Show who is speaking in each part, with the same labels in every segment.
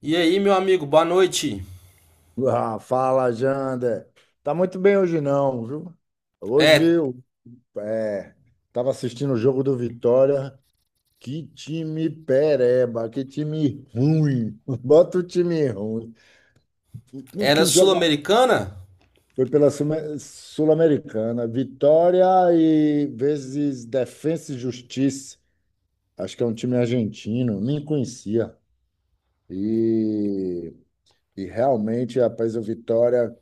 Speaker 1: E aí, meu amigo, boa noite.
Speaker 2: Ah, fala, Jander. Tá muito bem hoje não, viu? Hoje
Speaker 1: É,
Speaker 2: eu é, tava assistindo o jogo do Vitória. Que time pereba, que time ruim. Bota o time ruim. Não
Speaker 1: era
Speaker 2: tem jogador.
Speaker 1: sul-americana?
Speaker 2: Foi pela Sul-Americana. Vitória e vezes Defensa e Justiça. Acho que é um time argentino, nem conhecia. E, e realmente, rapaz, o Vitória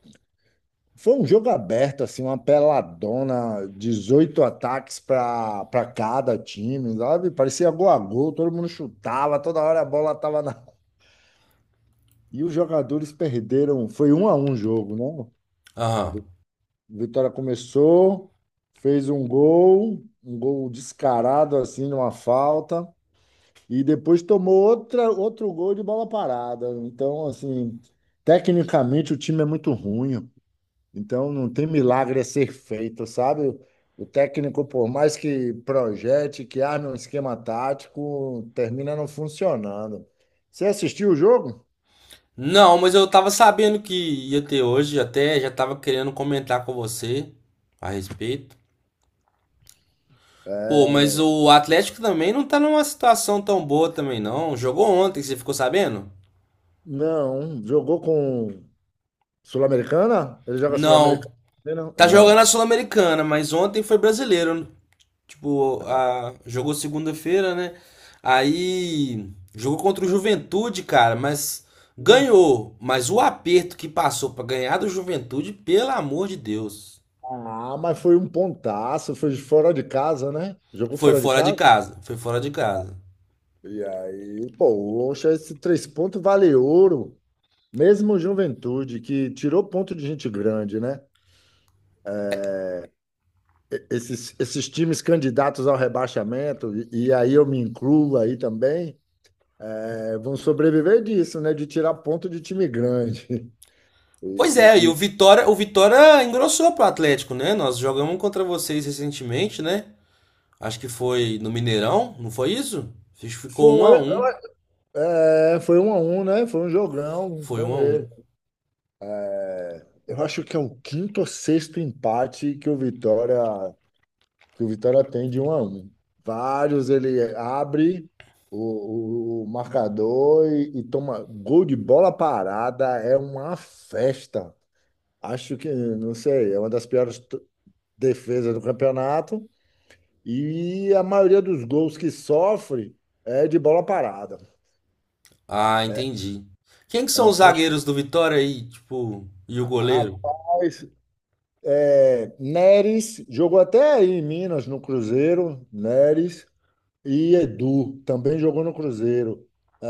Speaker 2: foi um jogo aberto, assim, uma peladona, 18 ataques para cada time, sabe? Parecia gol a gol, todo mundo chutava, toda hora a bola tava na. E os jogadores perderam, foi 1-1 o jogo, né?
Speaker 1: Aham.
Speaker 2: Vi- Vitória começou, fez um gol descarado, assim, numa falta, e depois tomou outra, outro gol de bola parada. Então, assim, tecnicamente o time é muito ruim. Então, não tem milagre a ser feito, sabe? O técnico, por mais que projete, que arme um esquema tático, termina não funcionando. Você assistiu o jogo?
Speaker 1: Não, mas eu tava sabendo que ia ter hoje, até já tava querendo comentar com você a respeito. Pô, mas o Atlético também não tá numa situação tão boa também não. Jogou ontem, você ficou sabendo?
Speaker 2: Não. Jogou com Sul-Americana? Ele joga
Speaker 1: Não.
Speaker 2: Sul-Americana? Não.
Speaker 1: Tá jogando a
Speaker 2: Não.
Speaker 1: Sul-Americana, mas ontem foi brasileiro. Tipo,
Speaker 2: Ah,
Speaker 1: a, jogou segunda-feira, né? Aí jogou contra o Juventude, cara, mas ganhou. Mas o aperto que passou pra ganhar do Juventude, pelo amor de Deus.
Speaker 2: Ah, mas foi um pontaço, foi fora de casa, né? Jogou
Speaker 1: Foi
Speaker 2: fora de
Speaker 1: fora de
Speaker 2: casa?
Speaker 1: casa, foi fora de casa.
Speaker 2: E aí, poxa, esse 3 pontos vale ouro. Mesmo Juventude, que tirou ponto de gente grande, né? Esses times candidatos ao rebaixamento, e aí eu me incluo aí também, vão sobreviver disso, né? De tirar ponto de time grande.
Speaker 1: Pois é, e
Speaker 2: E, e- e
Speaker 1: O Vitória engrossou pro Atlético, né? Nós jogamos um contra vocês recentemente, né? Acho que foi no Mineirão, não foi isso? Acho que ficou um
Speaker 2: foi,
Speaker 1: a um.
Speaker 2: é, foi 1-1, né? Foi um jogão,
Speaker 1: Foi
Speaker 2: foi
Speaker 1: um a um.
Speaker 2: mesmo. Eu acho que é o quinto ou sexto empate que o Vitória tem de 1-1. Vários ele abre o marcador e toma gol de bola parada, é uma festa. Acho que, não sei, é uma das piores defesas do campeonato e a maioria dos gols que sofre é de bola parada.
Speaker 1: Ah, entendi. Quem que
Speaker 2: É
Speaker 1: são
Speaker 2: um
Speaker 1: os
Speaker 2: fecho.
Speaker 1: zagueiros do Vitória aí, tipo, e o goleiro?
Speaker 2: Rapaz, Neres jogou até aí em Minas, no Cruzeiro, Neres e Edu também jogou no Cruzeiro.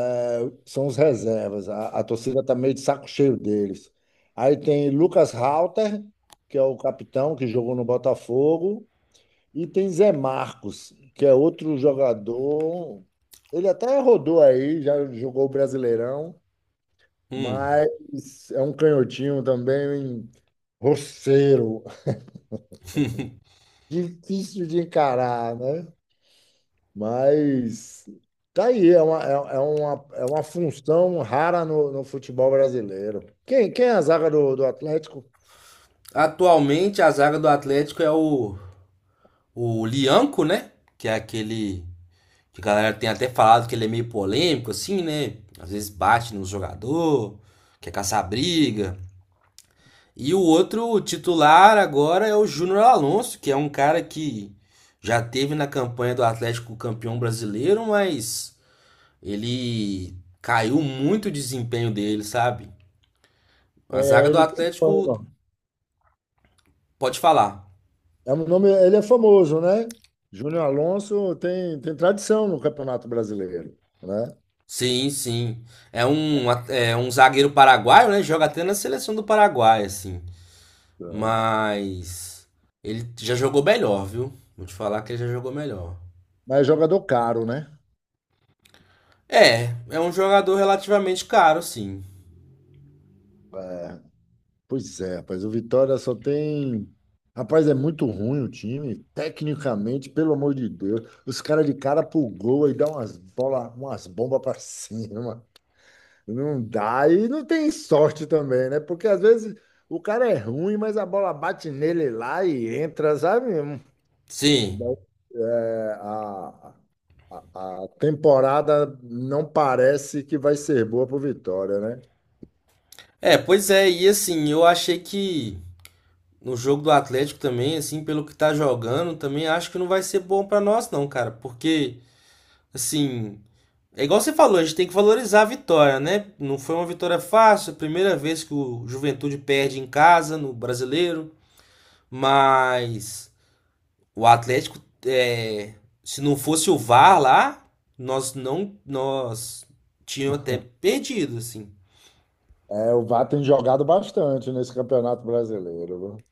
Speaker 2: É, são os reservas. A torcida tá meio de saco cheio deles. Aí tem Lucas Halter, que é o capitão que jogou no Botafogo. E tem Zé Marcos, que é outro jogador. Ele até rodou aí, já jogou o Brasileirão,
Speaker 1: Hum.
Speaker 2: mas é um canhotinho também, um roceiro, difícil de encarar, né? Mas tá aí, é uma função rara no futebol brasileiro. Quem é a zaga do Atlético?
Speaker 1: Atualmente a zaga do Atlético é o Lianco, né? Que é aquele que a galera tem até falado que ele é meio polêmico, assim, né? Às vezes bate no jogador, quer caçar briga. E o outro titular agora é o Júnior Alonso, que é um cara que já teve na campanha do Atlético campeão brasileiro, mas ele caiu muito o desempenho dele, sabe? A zaga
Speaker 2: É,
Speaker 1: do
Speaker 2: ele tem
Speaker 1: Atlético,
Speaker 2: fama.
Speaker 1: pode falar.
Speaker 2: É um nome, ele é famoso, né? Júnior Alonso tem tradição no Campeonato Brasileiro, né?
Speaker 1: Sim, sim. É um, é um zagueiro paraguaio, né? Joga até na seleção do Paraguai, assim. Mas ele já jogou melhor, viu? Vou te falar que ele já jogou melhor.
Speaker 2: Mas é jogador caro, né?
Speaker 1: É, é um jogador relativamente caro, sim.
Speaker 2: É, pois é, rapaz, o Vitória só tem. Rapaz, é muito ruim o time, tecnicamente, pelo amor de Deus. Os caras de cara pro gol e dá umas bola, umas bombas pra cima. Não dá. E não tem sorte também, né? Porque às vezes o cara é ruim, mas a bola bate nele lá e entra, sabe?
Speaker 1: Sim.
Speaker 2: É, A a temporada não parece que vai ser boa para o Vitória, né?
Speaker 1: É, pois é, e assim, eu achei que no jogo do Atlético também, assim, pelo que tá jogando, também acho que não vai ser bom pra nós não, cara, porque assim, é igual você falou, a gente tem que valorizar a vitória, né? Não foi uma vitória fácil, primeira vez que o Juventude perde em casa, no brasileiro, mas o Atlético, é, se não fosse o VAR lá, nós não. Nós tínhamos até perdido, assim.
Speaker 2: É, o Vá tem jogado bastante nesse Campeonato Brasileiro, viu?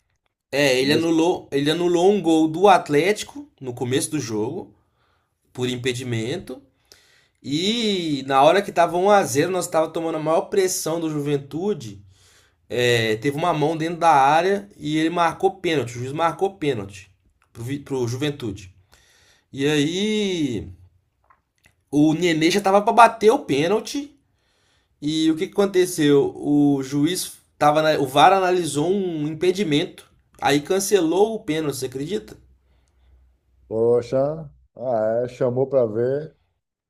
Speaker 1: É,
Speaker 2: Nesse...
Speaker 1: ele anulou um gol do Atlético no começo do jogo, por impedimento. E na hora que tava um a zero nós tava tomando a maior pressão do Juventude. É, teve uma mão dentro da área e ele marcou pênalti. O juiz marcou pênalti pro Juventude. E aí o Nenê já tava pra bater o pênalti. E o que, que aconteceu? O juiz tava o VAR analisou um impedimento. Aí cancelou o pênalti, você acredita?
Speaker 2: Poxa, ah, é, chamou para ver.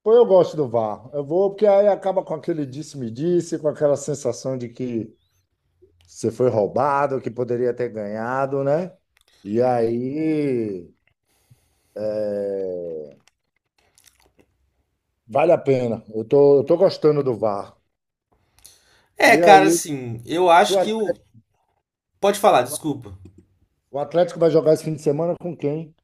Speaker 2: Pô, eu gosto do VAR. Eu vou, porque aí acaba com aquele disse-me-disse, com aquela sensação de que você foi roubado, que poderia ter ganhado, né? E aí, é, vale a pena. Eu tô gostando do VAR.
Speaker 1: É,
Speaker 2: E
Speaker 1: cara,
Speaker 2: aí,
Speaker 1: assim, eu acho que o. Pode falar, desculpa.
Speaker 2: o Atlético vai jogar esse fim de semana com quem?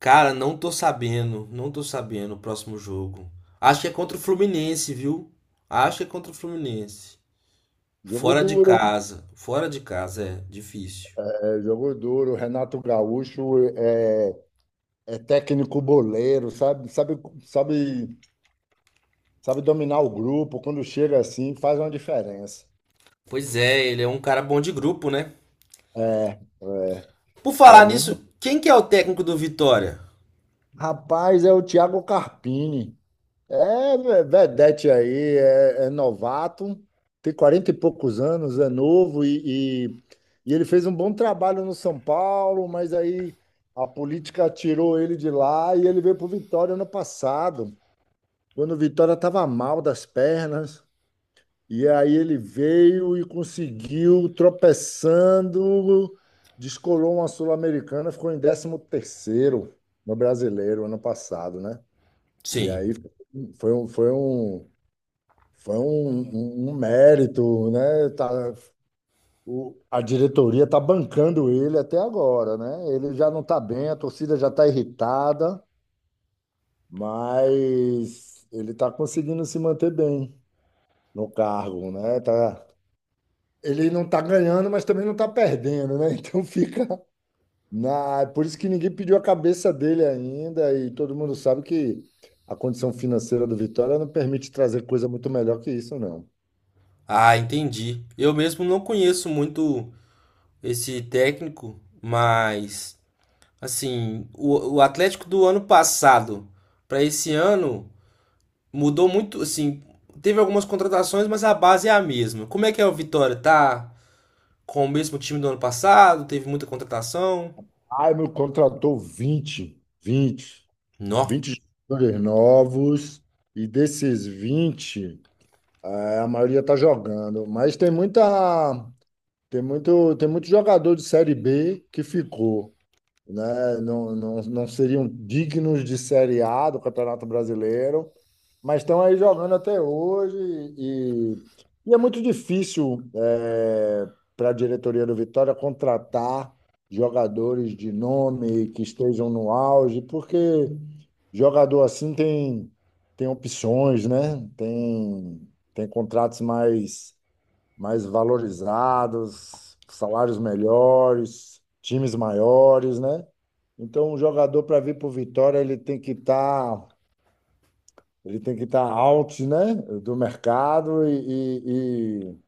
Speaker 1: Cara, não tô sabendo. Não tô sabendo o próximo jogo. Acho que é contra o Fluminense, viu? Acho que é contra o Fluminense.
Speaker 2: Jogo
Speaker 1: Fora de
Speaker 2: duro,
Speaker 1: casa. Fora de casa é difícil.
Speaker 2: é, jogo duro. Renato Gaúcho é técnico boleiro, sabe, sabe dominar o grupo. Quando chega assim, faz uma diferença.
Speaker 1: Pois é, ele é um cara bom de grupo, né?
Speaker 2: É, é.
Speaker 1: Por
Speaker 2: Para
Speaker 1: falar
Speaker 2: mim,
Speaker 1: nisso, quem que é o técnico do Vitória?
Speaker 2: rapaz, é o Thiago Carpini. É vedete aí, é novato, tem 40 e poucos anos, é novo e ele fez um bom trabalho no São Paulo, mas aí a política tirou ele de lá e ele veio para o Vitória ano passado, quando o Vitória estava mal das pernas. E aí ele veio e conseguiu, tropeçando, descolou uma Sul-Americana, ficou em décimo terceiro no Brasileiro ano passado, né? E
Speaker 1: Sim.
Speaker 2: aí foi um, foi um foi um mérito, né? Tá, o- a diretoria está bancando ele até agora, né? Ele já não está bem, a torcida já está irritada, mas ele está conseguindo se manter bem no cargo, né? Tá, ele não está ganhando, mas também não está perdendo, né? Então fica na... Por isso que ninguém pediu a cabeça dele ainda, e todo mundo sabe que a condição financeira do Vitória não permite trazer coisa muito melhor que isso, não.
Speaker 1: Ah, entendi. Eu mesmo não conheço muito esse técnico, mas assim, o Atlético do ano passado para esse ano mudou muito, assim, teve algumas contratações, mas a base é a mesma. Como é que é o Vitória? Tá com o mesmo time do ano passado? Teve muita contratação?
Speaker 2: Ah, meu contratou vinte, vinte,
Speaker 1: Não.
Speaker 2: vinte jogadores novos, e desses 20 a maioria está jogando. Mas tem muito jogador de Série B que ficou, né? Não, não, não seriam dignos de Série A do Campeonato Brasileiro, mas estão aí jogando até hoje e, e é muito difícil para a diretoria do Vitória contratar jogadores de nome que estejam no auge, porque jogador assim tem opções, né? Tem, tem contratos mais valorizados, salários melhores, times maiores, né? Então, um jogador para vir para o Vitória, ele tem que estar out, né, do mercado e, e,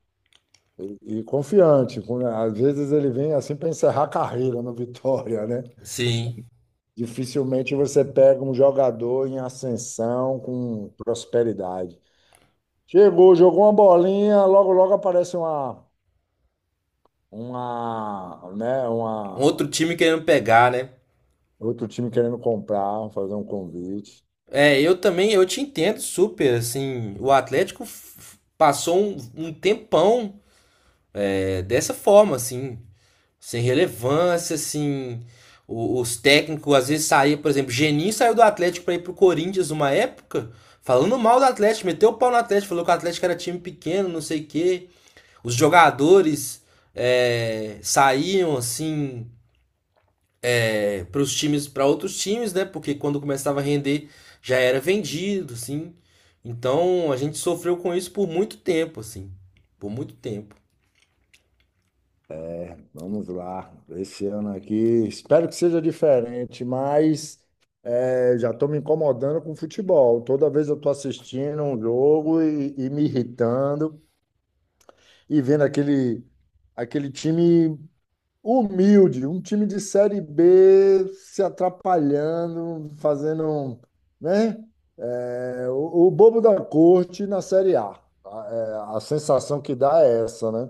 Speaker 2: e- e confiante. Às vezes ele vem assim para encerrar a carreira no Vitória, né?
Speaker 1: Sim.
Speaker 2: Dificilmente você pega um jogador em ascensão com prosperidade. Chegou, jogou uma bolinha, logo logo aparece uma, né,
Speaker 1: Um
Speaker 2: uma
Speaker 1: outro time querendo pegar, né?
Speaker 2: outro time querendo comprar, fazer um convite.
Speaker 1: É, eu também, eu te entendo super, assim, o Atlético passou um, um tempão é, dessa forma, assim, sem relevância, assim, os técnicos às vezes saíam, por exemplo, Geninho saiu do Atlético para ir pro Corinthians uma época, falando mal do Atlético, meteu o pau no Atlético, falou que o Atlético era time pequeno, não sei o quê, os jogadores é, saíam, assim, para os times, para outros times, né? Porque quando começava a render já era vendido, assim. Então a gente sofreu com isso por muito tempo, assim, por muito tempo.
Speaker 2: É, vamos lá. Esse ano aqui, espero que seja diferente, mas já estou me incomodando com o futebol. Toda vez eu estou assistindo um jogo e me irritando e vendo aquele time. Humilde, um time de Série B se atrapalhando, fazendo, um, né? É, o bobo da corte na Série A. A, a sensação que dá é essa, né?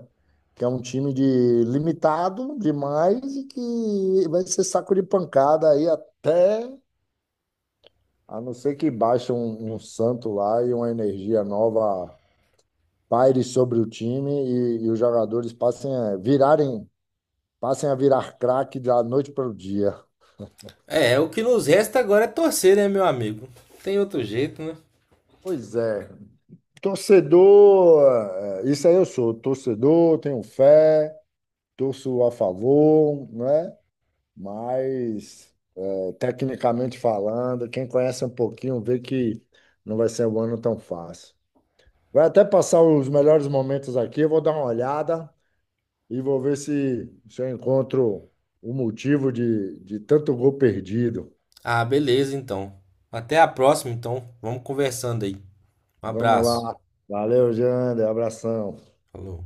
Speaker 2: Que é um time de limitado demais e que vai ser saco de pancada aí até, a não ser que baixe um santo lá e uma energia nova paire sobre o time e os jogadores passem a virar craque da noite para o dia.
Speaker 1: É, é o que nos resta agora é torcer, né, meu amigo? Tem outro jeito, né?
Speaker 2: Pois é. Torcedor, isso aí eu sou. Torcedor, tenho fé, torço a favor, né? Mas, tecnicamente falando, quem conhece um pouquinho vê que não vai ser um ano tão fácil. Vai até passar os melhores momentos aqui, eu vou dar uma olhada e vou ver se eu encontro o motivo de tanto gol perdido.
Speaker 1: Ah, beleza, então. Até a próxima, então. Vamos conversando aí. Um
Speaker 2: Vamos
Speaker 1: abraço.
Speaker 2: lá. Valeu, Jander. Abração.
Speaker 1: Falou.